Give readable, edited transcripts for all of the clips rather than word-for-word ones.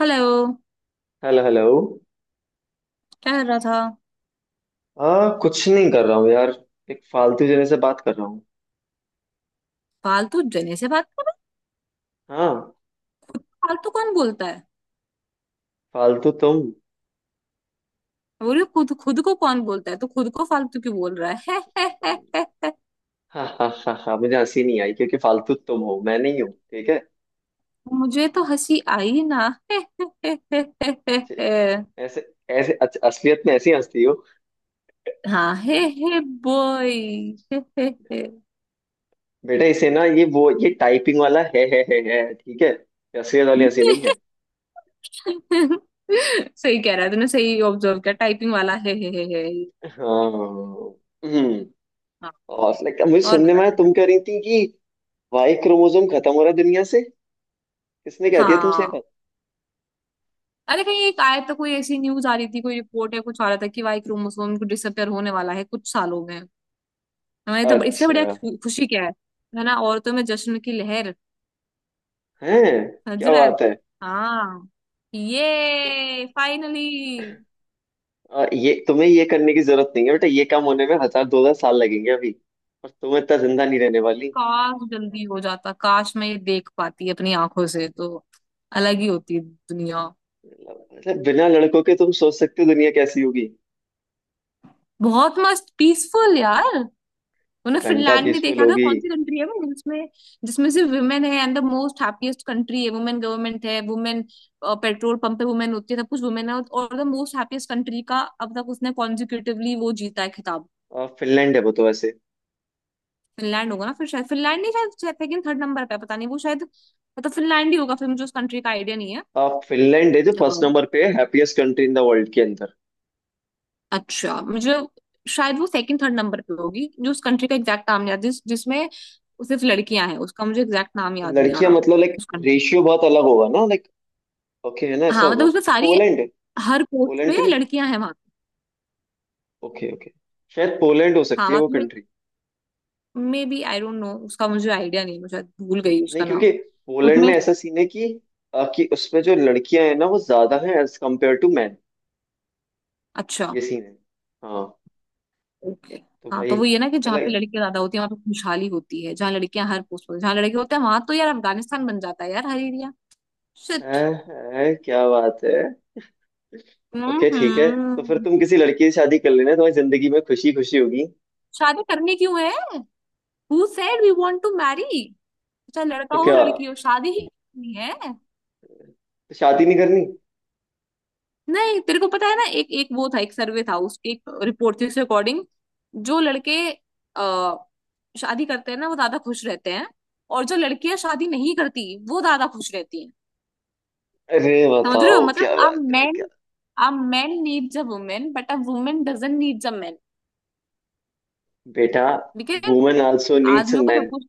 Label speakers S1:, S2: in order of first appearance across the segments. S1: Hello.
S2: Hello hello.
S1: क्या कर रहा था?
S2: हाँ, कुछ नहीं कर रहा हूँ यार। एक फालतू जने से बात कर रहा हूँ।
S1: फालतू जने से बात कर।
S2: हाँ।
S1: फालतू कौन बोलता है?
S2: फालतू तुम।
S1: बोल रही हूँ, खुद खुद को कौन बोलता है, तो खुद को फालतू क्यों बोल रहा है? है, है।
S2: हाँ हाँ हाँ हाँ, मुझे हंसी नहीं आई क्योंकि फालतू तुम हो, मैं नहीं हूँ, ठीक है।
S1: मुझे तो हंसी आई ना। हे, हे, हे, हे, हे, हे,
S2: जे-
S1: हे।
S2: ऐसे ऐसे असलियत में ऐसी हंसती हो?
S1: हाँ हे हे बॉय। हे, हे, हे।
S2: बेटा, इसे ना, ये टाइपिंग वाला है, ठीक है, ये असलियत वाली हंसी नहीं है।
S1: सही कह रहा है, तूने सही ऑब्जर्व किया, टाइपिंग वाला हे हे हे हे।
S2: हाँ। हम्म।
S1: हाँ।
S2: और लाइक मुझे
S1: और
S2: सुनने
S1: बता
S2: में आया
S1: क्या कर।
S2: तुम कह रही थी कि वाई क्रोमोसोम खत्म हो रहा है दुनिया से। किसने कह दिया तुमसे ये
S1: हाँ।
S2: बात?
S1: अरे कहीं एक आया, तो कोई ऐसी न्यूज आ रही थी, कोई रिपोर्ट है, कुछ आ रहा था कि वाई क्रोमोसोम को डिसअपियर होने वाला है कुछ सालों में। हमारी तो इससे बढ़िया
S2: अच्छा।
S1: खुशी क्या है? है ना, औरतों में जश्न की लहर।
S2: है।
S1: समझ
S2: क्या
S1: रहा है?
S2: बात है।
S1: हाँ। ये फाइनली।
S2: ये तुम्हें ये करने की जरूरत नहीं है बेटा, ये काम होने में हजार दो हजार साल लगेंगे अभी। और तुम इतना जिंदा नहीं रहने वाली।
S1: काश जल्दी हो जाता, काश मैं ये देख पाती अपनी आंखों से, तो अलग ही होती दुनिया।
S2: मतलब बिना लड़कों के तुम सोच सकते हो दुनिया कैसी होगी?
S1: बहुत मस्त पीसफुल यार। उन्हें
S2: घंटा
S1: फिनलैंड नहीं
S2: पीसफुल
S1: देखा क्या?
S2: होगी।
S1: कौन सी कंट्री है वो जिसमें जिसमें सिर्फ वुमेन है and the most happiest country है, वुमेन गवर्नमेंट है, वुमेन पेट्रोल पंप पे वुमेन होती है, सब कुछ वुमेन है, और द मोस्ट हैप्पीएस्ट कंट्री का अब तक उसने कॉन्जिक्यूटिवली वो जीता है।
S2: फिनलैंड है वो तो वैसे।
S1: फिनलैंड होगा ना फिर, शायद फिनलैंड नहीं, शायद सेकंड थर्ड नंबर पे है, पता नहीं वो, शायद मतलब फिनलैंड ही होगा फिर, मुझे उस कंट्री का आइडिया नहीं है।
S2: फिनलैंड है जो
S1: अ,
S2: फर्स्ट नंबर पे है, happiest country in the world के अंदर।
S1: अच्छा मुझे शायद वो सेकंड थर्ड नंबर पे होगी, जो उस कंट्री का एग्जैक्ट नाम नहीं याद, जिसमें सिर्फ लड़कियां हैं, उसका मुझे एग्जैक्ट नाम याद नहीं आ
S2: लड़कियां
S1: रहा।
S2: मतलब लाइक
S1: उस कंट्री।
S2: रेशियो बहुत अलग होगा ना, लाइक। ओके, है ना, ऐसा
S1: हाँ,
S2: होगा।
S1: मतलब उसमें सारी,
S2: पोलैंड है।
S1: हर पोस्ट पे
S2: पोलैंड तो नहीं।
S1: लड़कियां हैं वहां पे।
S2: Okay okay. शायद पोलैंड हो
S1: हाँ
S2: सकती है वो
S1: मतलब,
S2: country.
S1: May be I don't know, उसका मुझे आइडिया नहीं है, मैं शायद भूल गई
S2: नहीं
S1: उसका
S2: क्योंकि
S1: नाम।
S2: पोलैंड
S1: उसमें।
S2: में ऐसा सीन है कि उसमें जो लड़कियां हैं ना वो ज्यादा हैं एज कम्पेयर टू मैन।
S1: अच्छा।
S2: ये सीन है। हाँ।
S1: ओके।
S2: तो
S1: हाँ,
S2: भाई।
S1: तो वो ये ना, कि
S2: तो
S1: जहाँ पे
S2: लाइक।
S1: लड़कियां ज्यादा होती है वहां पे खुशहाली होती है, जहाँ लड़कियां हर पोस्ट पर, जहाँ लड़के होते हैं वहां तो यार अफगानिस्तान बन जाता है यार, हर एरिया। शिट।
S2: क्या बात है। ओके, ठीक है। तो फिर
S1: हम्म।
S2: तुम किसी लड़की से शादी कर लेना, तुम्हारी जिंदगी में खुशी खुशी होगी।
S1: शादी करनी क्यों है? Who said we want to marry? चाहे लड़का
S2: तो
S1: हो
S2: क्या?
S1: लड़की हो, शादी ही करनी है?
S2: तो शादी नहीं करनी?
S1: नहीं, तेरे को पता है ना, एक एक वो था, एक सर्वे था, उसकी एक रिपोर्ट थी, उसके अकॉर्डिंग जो लड़के आ, शादी करते हैं ना, वो ज्यादा खुश रहते हैं, और जो लड़कियां शादी नहीं करती वो ज्यादा खुश रहती हैं।
S2: अरे
S1: समझ रहे हो?
S2: बताओ,
S1: मतलब
S2: क्या
S1: अ
S2: बात है
S1: मैन,
S2: क्या?
S1: A man needs a women but a women doesn't needs a man,
S2: बेटा।
S1: Because
S2: women also needs a
S1: आदमियों का सब
S2: मैन।
S1: कुछ।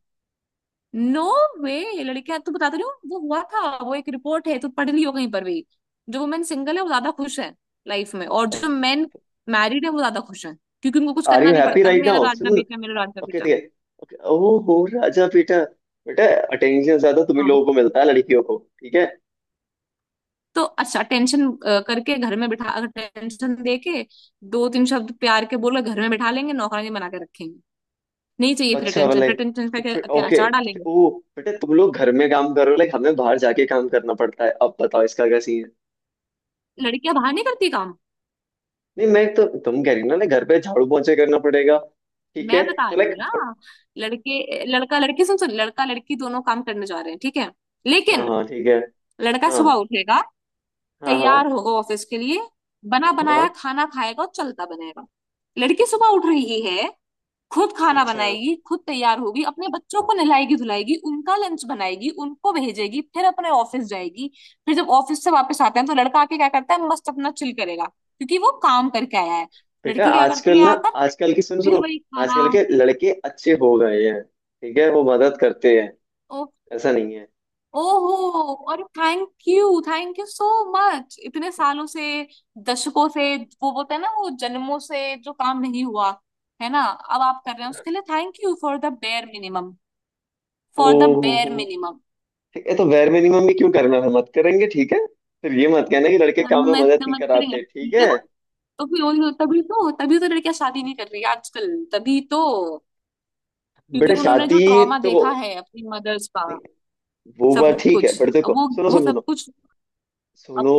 S1: नो। वे लड़कियां, तो बता तो रही हूँ, वो हुआ था, वो एक रिपोर्ट है, तो पढ़ ली हो कहीं पर भी। जो वुमेन सिंगल है वो ज्यादा खुश है लाइफ में, और जो मैन मैरिड है वो ज्यादा खुश है, क्योंकि उनको कुछ
S2: आर
S1: करना
S2: यू
S1: नहीं
S2: हैप्पी
S1: पड़ता,
S2: राइट
S1: मेरा
S2: नाउ?
S1: राजा
S2: सुनो।
S1: बेटा, मेरा राजा
S2: ओके,
S1: बेटा।
S2: ठीक है। ओके ओहो राजा बेटा। बेटा। अटेंशन ज्यादा तुम ही
S1: हाँ,
S2: लोगों को मिलता है लड़कियों को, ठीक है।
S1: तो अच्छा टेंशन करके घर में बिठा, अगर टेंशन दे के दो तीन शब्द प्यार के बोलो, घर में बिठा लेंगे, नौकरानी बना के रखेंगे। नहीं चाहिए
S2: अच्छा
S1: प्रेटेंशन,
S2: वाला है।
S1: प्रेटेंशन का
S2: तो
S1: क्या,
S2: फिर
S1: क्या
S2: ओके।
S1: अचार डालेंगे?
S2: ओ। बेटा, तुम लोग घर में काम करो, लाइक हमें बाहर जाके काम करना पड़ता है, अब बताओ इसका क्या सीन है?
S1: लड़कियां बाहर नहीं करती काम?
S2: नहीं, मैं तो, तुम कह रही हो ना, लाइक घर पे झाड़ू पोंछे करना पड़ेगा। ठीक है।
S1: मैं बता
S2: तो
S1: रही हूँ
S2: लाइक।
S1: ना, लड़के लड़का लड़की, सुन सुन, लड़का लड़की दोनों काम करने जा रहे हैं, ठीक है।
S2: हाँ
S1: लेकिन
S2: हाँ, ठीक है।
S1: लड़का
S2: हाँ
S1: सुबह उठेगा,
S2: हाँ। हाँ
S1: तैयार होगा ऑफिस के लिए, बना
S2: हाँ।
S1: बनाया खाना खाएगा और चलता बनेगा। लड़की सुबह उठ रही है, खुद खाना
S2: अच्छा।
S1: बनाएगी, खुद तैयार होगी, अपने बच्चों को नहलाएगी धुलाएगी, उनका लंच बनाएगी, उनको भेजेगी, फिर अपने ऑफिस जाएगी। फिर जब ऑफिस से वापस आते हैं, तो लड़का आके क्या करता है? मस्त अपना चिल करेगा, क्योंकि वो काम करके आया है।
S2: बेटा
S1: लड़की क्या
S2: आजकल
S1: करती है
S2: ना।
S1: आकर?
S2: आजकल की सुनो सुनो।
S1: फिर वही खाना।
S2: आजकल के लड़के अच्छे हो गए हैं, ठीक है, वो मदद करते हैं।
S1: ओ,
S2: ऐसा नहीं है।
S1: ओहो, और thank you, thank you so much, इतने सालों से, दशकों से, वो बोलते हैं ना, वो जन्मों से जो काम नहीं हुआ, है ना, अब आप कर रहे हैं, उसके लिए thank you for the bare minimum, for the
S2: ओहो।
S1: Bare minimum.
S2: ठीक है, तो वेर मिनिमम भी क्यों करना है? मत करेंगे, ठीक है। फिर ये मत कहना कि लड़के काम में
S1: मैं
S2: मदद
S1: इतना
S2: नहीं
S1: मत करेंगे,
S2: कराते, ठीक
S1: ठीक
S2: है।
S1: है भाई। तो फिर उन तभी तो लड़कियां शादी नहीं कर रही आजकल, तभी तो, क्योंकि
S2: बेटा
S1: उन्होंने जो
S2: शादी।
S1: ट्रॉमा
S2: तो।
S1: देखा है अपनी मदर्स का,
S2: नहीं, वो
S1: सब
S2: बात ठीक है
S1: कुछ।
S2: बट
S1: अब
S2: देखो,
S1: वो
S2: सुनो
S1: वो
S2: सुनो
S1: सब
S2: सुनो।
S1: कुछ। अब
S2: सुनो।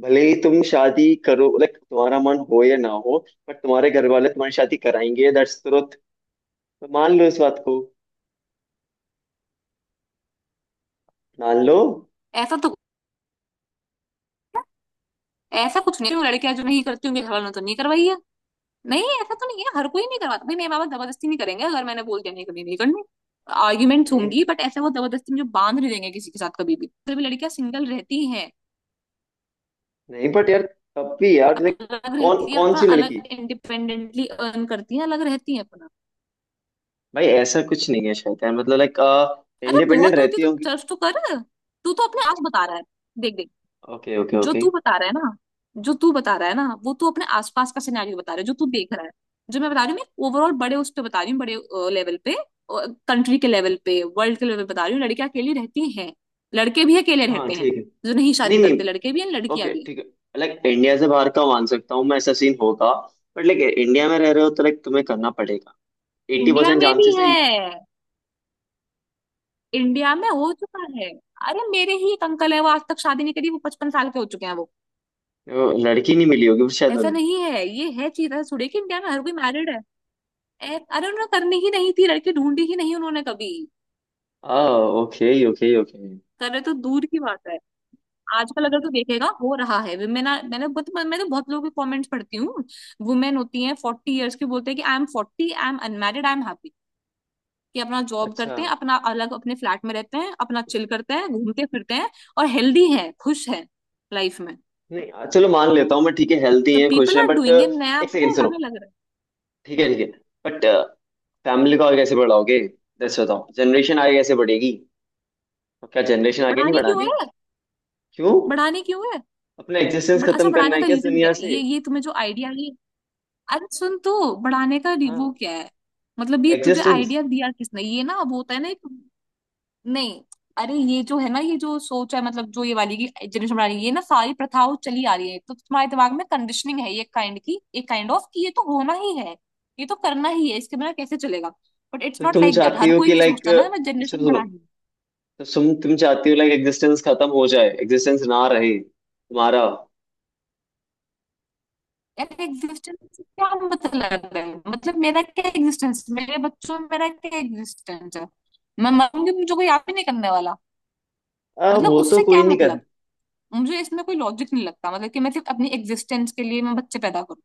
S2: भले ही तुम शादी करो, लाइक तुम्हारा मन हो या ना हो, पर तुम्हारे घर वाले तुम्हारी शादी कराएंगे, दैट्स ट्रुथ। तो मान लो इस बात को। मान लो।
S1: ऐसा तो, ऐसा कुछ नहीं है, लड़कियां जो नहीं करती उनके घर वालों ने तो नहीं करवाई है। नहीं, ऐसा तो नहीं है, हर कोई नहीं करवाता भाई, मेरे माँ बाप जबरदस्ती नहीं करेंगे, अगर मैंने बोल दिया नहीं करनी, नहीं करनी। आर्ग्यूमेंट्स
S2: नहीं
S1: होंगी बट ऐसे वो जबरदस्ती मुझे बांध नहीं देंगे किसी के साथ कभी भी, फिर भी लड़कियां सिंगल रहती हैं,
S2: नहीं बट यार, तब भी यार लाइक,
S1: अलग
S2: कौन
S1: रहती है
S2: कौन
S1: अपना,
S2: सी लड़की?
S1: अलग इंडिपेंडेंटली अर्न करती है, अलग रहती है अपना।
S2: भाई ऐसा कुछ नहीं है, शैतान, मतलब लाइक,
S1: अरे
S2: इंडिपेंडेंट
S1: बहुत होती
S2: रहती।
S1: है, तू सर्च तो कर। तू तो अपने आस बता रहा है, देख देख।
S2: ओके ओके
S1: जो
S2: ओके।
S1: तू बता रहा है ना जो तू बता रहा है ना, वो तू अपने आसपास का सिनेरियो बता रहा है जो तू देख रहा है। जो मैं बता रही हूँ, मैं ओवरऑल बड़े उस पे बता रही हूँ, बड़े लेवल पे, कंट्री के लेवल पे, वर्ल्ड के लेवल पे बता रही हूँ, लड़कियां अकेली रहती हैं, लड़के भी अकेले
S2: हाँ
S1: रहते हैं।
S2: ठीक है।
S1: जो नहीं
S2: नहीं
S1: शादी
S2: नहीं।
S1: करते, लड़के भी हैं, लड़कियां
S2: ओके,
S1: भी हैं।
S2: ठीक है। लाइक इंडिया से बाहर का मान सकता हूँ मैं, ऐसा सीन होगा। बट लाइक इंडिया में रह रहे हो तो लाइक तुम्हें करना पड़ेगा। एट्टी
S1: इंडिया
S2: परसेंट
S1: में भी
S2: चांसेस है ही।
S1: है, इंडिया में हो चुका है। अरे मेरे ही एक अंकल है, वो आज तक शादी नहीं करी, वो 55 साल के हो चुके हैं वो।
S2: वो लड़की नहीं मिली होगी शायद
S1: ऐसा
S2: उन्हें।
S1: नहीं है ये, है चीज है सुड़े कि इंडिया में हर कोई मैरिड है? अरे उन्होंने करनी ही नहीं थी, लड़की ढूंढी ही नहीं उन्होंने कभी,
S2: आ ओके ओके ओके।
S1: करे तो दूर की बात है। आजकल अगर तू देखेगा हो रहा है, वुमेन, मैंने बहुत, मैं तो बहुत लोगों के कमेंट्स पढ़ती हूँ, वुमेन होती हैं 40 ईयर्स की, बोलते हैं कि I M 40, I am unmarried, I am happy, कि अपना जॉब
S2: अच्छा।
S1: करते हैं, अपना अलग अपने फ्लैट में रहते हैं, अपना चिल करते हैं, घूमते फिरते हैं, और हेल्दी है, खुश है लाइफ में।
S2: नहीं, चलो मान लेता हूँ मैं, ठीक है, हेल्थी
S1: द
S2: है, खुश
S1: पीपल
S2: है,
S1: आर
S2: बट
S1: डूइंग इट, नया
S2: एक
S1: पता
S2: सेकेंड
S1: है
S2: सुनो।
S1: हमें, लग रहा है।
S2: ठीक है ठीक है, बट फैमिली को आगे कैसे बढ़ाओगे? दस बताओ, जनरेशन आगे कैसे बढ़ेगी? और क्या, जनरेशन आगे नहीं
S1: बढ़ाने क्यों
S2: बढ़ानी?
S1: है?
S2: क्यों?
S1: बढ़ाने क्यों है?
S2: अपना एग्जिस्टेंस
S1: बड़ा अच्छा,
S2: खत्म करना
S1: बढ़ाने
S2: है
S1: का
S2: क्या इस
S1: रीजन क्या
S2: दुनिया
S1: है?
S2: से?
S1: ये तुम्हें जो आइडिया, ये, अरे सुन तो, बढ़ाने का वो
S2: हाँ।
S1: क्या है? मतलब ये तुझे
S2: एग्जिस्टेंस।
S1: आइडिया दिया किसने? ये ना, अब होता है ना एक, नहीं, अरे ये जो है ना, ये जो सोच है, मतलब जो ये वाली की जनरेशन बना रही है, ये ना सारी प्रथाओं चली आ रही है, तो तुम्हारे दिमाग में कंडीशनिंग है, ये काइंड की, एक काइंड ऑफ कि ये तो होना ही है, ये तो करना ही है, इसके बिना कैसे चलेगा? बट इट्स
S2: तो
S1: नॉट
S2: तुम
S1: लाइक दैट,
S2: चाहती
S1: हर
S2: हो
S1: कोई
S2: कि
S1: नहीं
S2: लाइक,
S1: सोचता ना मैं
S2: सुनो
S1: जनरेशन
S2: सुनो।
S1: बढ़ानी है।
S2: तो तुम चाहती हो लाइक एग्जिस्टेंस खत्म हो जाए, एग्जिस्टेंस ना रहे तुम्हारा?
S1: यार एग्जिस्टेंस क्या मतलब है? मतलब मेरा क्या एग्जिस्टेंस, मेरे बच्चों में मेरा क्या एग्जिस्टेंस है? मैं मरूंगी, मुझे कोई याद भी नहीं करने वाला, मतलब
S2: वो तो
S1: उससे
S2: कोई
S1: क्या
S2: नहीं कर।
S1: मतलब? मुझे इसमें कोई लॉजिक नहीं लगता, मतलब कि मैं सिर्फ अपनी एग्जिस्टेंस के लिए मैं बच्चे पैदा करूं?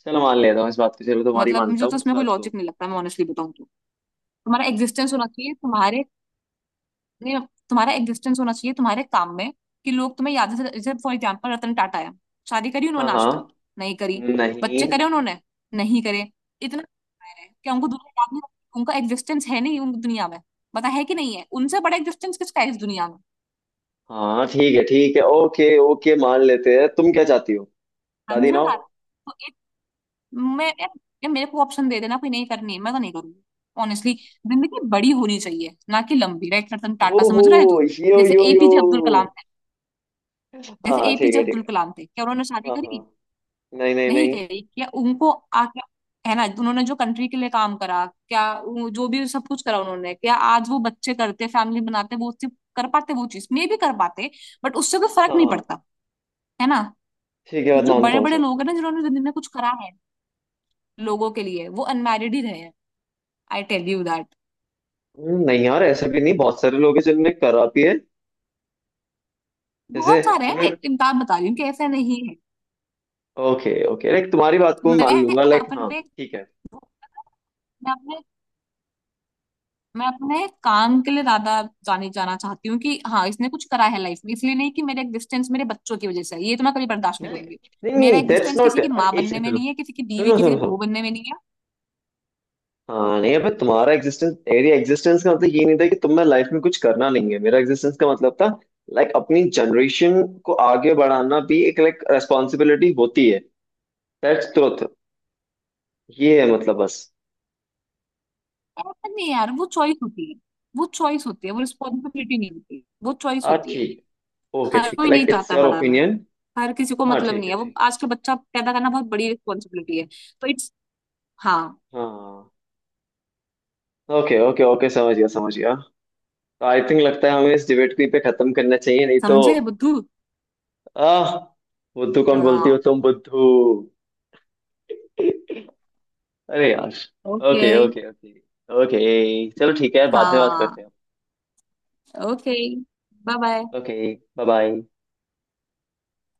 S2: चलो मान लेता हूँ इस बात को, चलो तुम्हारी
S1: मतलब
S2: मानता
S1: मुझे तो
S2: हूँ इस
S1: इसमें कोई
S2: बात को।
S1: लॉजिक नहीं लगता, मैं ऑनेस्टली बताऊं तो। तुम्हारा एग्जिस्टेंस होना चाहिए तुम्हारे, नहीं, तुम्हारा एग्जिस्टेंस होना चाहिए तुम्हारे काम में, कि लोग तुम्हें याद से, जैसे फॉर एग्जाम्पल रतन टाटा है। शादी करी
S2: हाँ
S1: उन्होंने आज
S2: हाँ।
S1: तक? नहीं करी।
S2: नहीं।
S1: बच्चे करे उन्होंने? नहीं करे। इतना क्या उनको दुनिया याद नहीं रखती? उनका एग्जिस्टेंस है नहीं उन दुनिया में? पता है कि नहीं है उनसे बड़ा एग्जिस्टेंस किसका है इस दुनिया में?
S2: हाँ ठीक है ओके ओके, मान लेते हैं, तुम क्या चाहती हो? शादी ना
S1: समझे
S2: हो?
S1: ना, तो मैं ये मेरे को ऑप्शन दे देना, कोई नहीं करनी है, मैं तो नहीं करूंगी ऑनेस्टली। जिंदगी बड़ी होनी चाहिए ना कि लंबी, राइट? रतन
S2: हो
S1: टाटा,
S2: हो।
S1: समझ रहा है तू?
S2: यो
S1: जैसे
S2: यो यो।
S1: एपीजे अब्दुल कलाम थे
S2: हाँ
S1: जैसे
S2: हाँ, ठीक
S1: एपीजे
S2: है ठीक
S1: अब्दुल
S2: है।
S1: कलाम थे, क्या उन्होंने शादी
S2: हाँ हाँ।
S1: करी?
S2: नहीं नहीं
S1: नहीं
S2: नहीं।
S1: करी। क्या उनको आके, है ना, उन्होंने जो कंट्री के लिए काम करा, क्या जो भी सब कुछ करा उन्होंने, क्या आज वो बच्चे करते, फैमिली बनाते, वो सिर्फ कर पाते वो चीज, मे भी कर पाते? बट उससे कोई फर्क
S2: हाँ
S1: नहीं
S2: हाँ,
S1: पड़ता, है ना।
S2: ठीक है,
S1: तो
S2: बात
S1: जो
S2: मानता
S1: बड़े
S2: हूँ
S1: बड़े लोग
S2: सबको।
S1: हैं ना, जिन्होंने जिंदगी में कुछ करा है लोगों के लिए, वो अनमैरिड ही रहे हैं। I tell you that.
S2: नहीं यार, ऐसा भी नहीं, बहुत सारे लोग हैं जिनने करा भी है। जैसे।
S1: बहुत सारे हैं, मैं
S2: तुमने।
S1: एक एक बात बता रही हूँ कि ऐसा नहीं है।
S2: ओके ओके, लाइक तुम्हारी बात को मैं मान
S1: मैं
S2: लूंगा, लाइक हाँ।
S1: अपने
S2: ठीक है।
S1: मैं अपने मैं अपने काम के लिए ज्यादा जाने जाना चाहती हूँ कि हाँ इसने कुछ करा है लाइफ में, इसलिए नहीं कि मेरा एग्जिस्टेंस मेरे बच्चों की वजह से है, ये तो मैं कभी बर्दाश्त नहीं
S2: नहीं
S1: करूंगी। मेरा
S2: नहीं दैट्स
S1: एग्जिस्टेंस
S2: नॉट,
S1: किसी की
S2: अरे
S1: माँ
S2: एक
S1: बनने
S2: सेकंड
S1: में नहीं है, किसी की बीवी,
S2: सुनो। सुनो
S1: किसी
S2: सुनो
S1: की
S2: सुनो।
S1: बहू बनने में नहीं है।
S2: हाँ नहीं अबे, तुम्हारा एग्जिस्टेंस एरिया एग्जिस्टेंस का मतलब ये नहीं था कि तुम्हें लाइफ में कुछ करना नहीं है, मेरा एग्जिस्टेंस का मतलब था, लाइक अपनी जनरेशन को आगे बढ़ाना भी एक लाइक रेस्पॉन्सिबिलिटी होती है। That's truth. ये है मतलब बस।
S1: ऐसा नहीं है यार, वो चॉइस होती है, वो रिस्पॉन्सिबिलिटी नहीं होती, वो चॉइस
S2: हाँ
S1: होती है।
S2: ठीक। ओके,
S1: हर
S2: ठीक है,
S1: कोई नहीं
S2: लाइक इट्स
S1: चाहता
S2: योर
S1: बढ़ाना,
S2: ओपिनियन।
S1: हर किसी को
S2: हाँ
S1: मतलब
S2: ठीक
S1: नहीं
S2: है
S1: है वो,
S2: ठीक है।
S1: आजकल बच्चा पैदा करना बहुत बड़ी रिस्पॉन्सिबिलिटी है। तो इट्स, हाँ।
S2: हाँ। ओके ओके ओके, समझ गया समझ गया। आई थिंक लगता है हमें इस डिबेट को यहीं पे खत्म करना चाहिए, नहीं तो।
S1: समझे बुद्धू?
S2: आह। बुद्धू कौन बोलती हो?
S1: हाँ।
S2: तुम बुद्धू। अरे यार।
S1: Okay.
S2: Okay. Okay okay okay. चलो ठीक है, बाद में बात
S1: हाँ।
S2: करते हैं।
S1: Okay. Bye bye.
S2: Okay bye bye.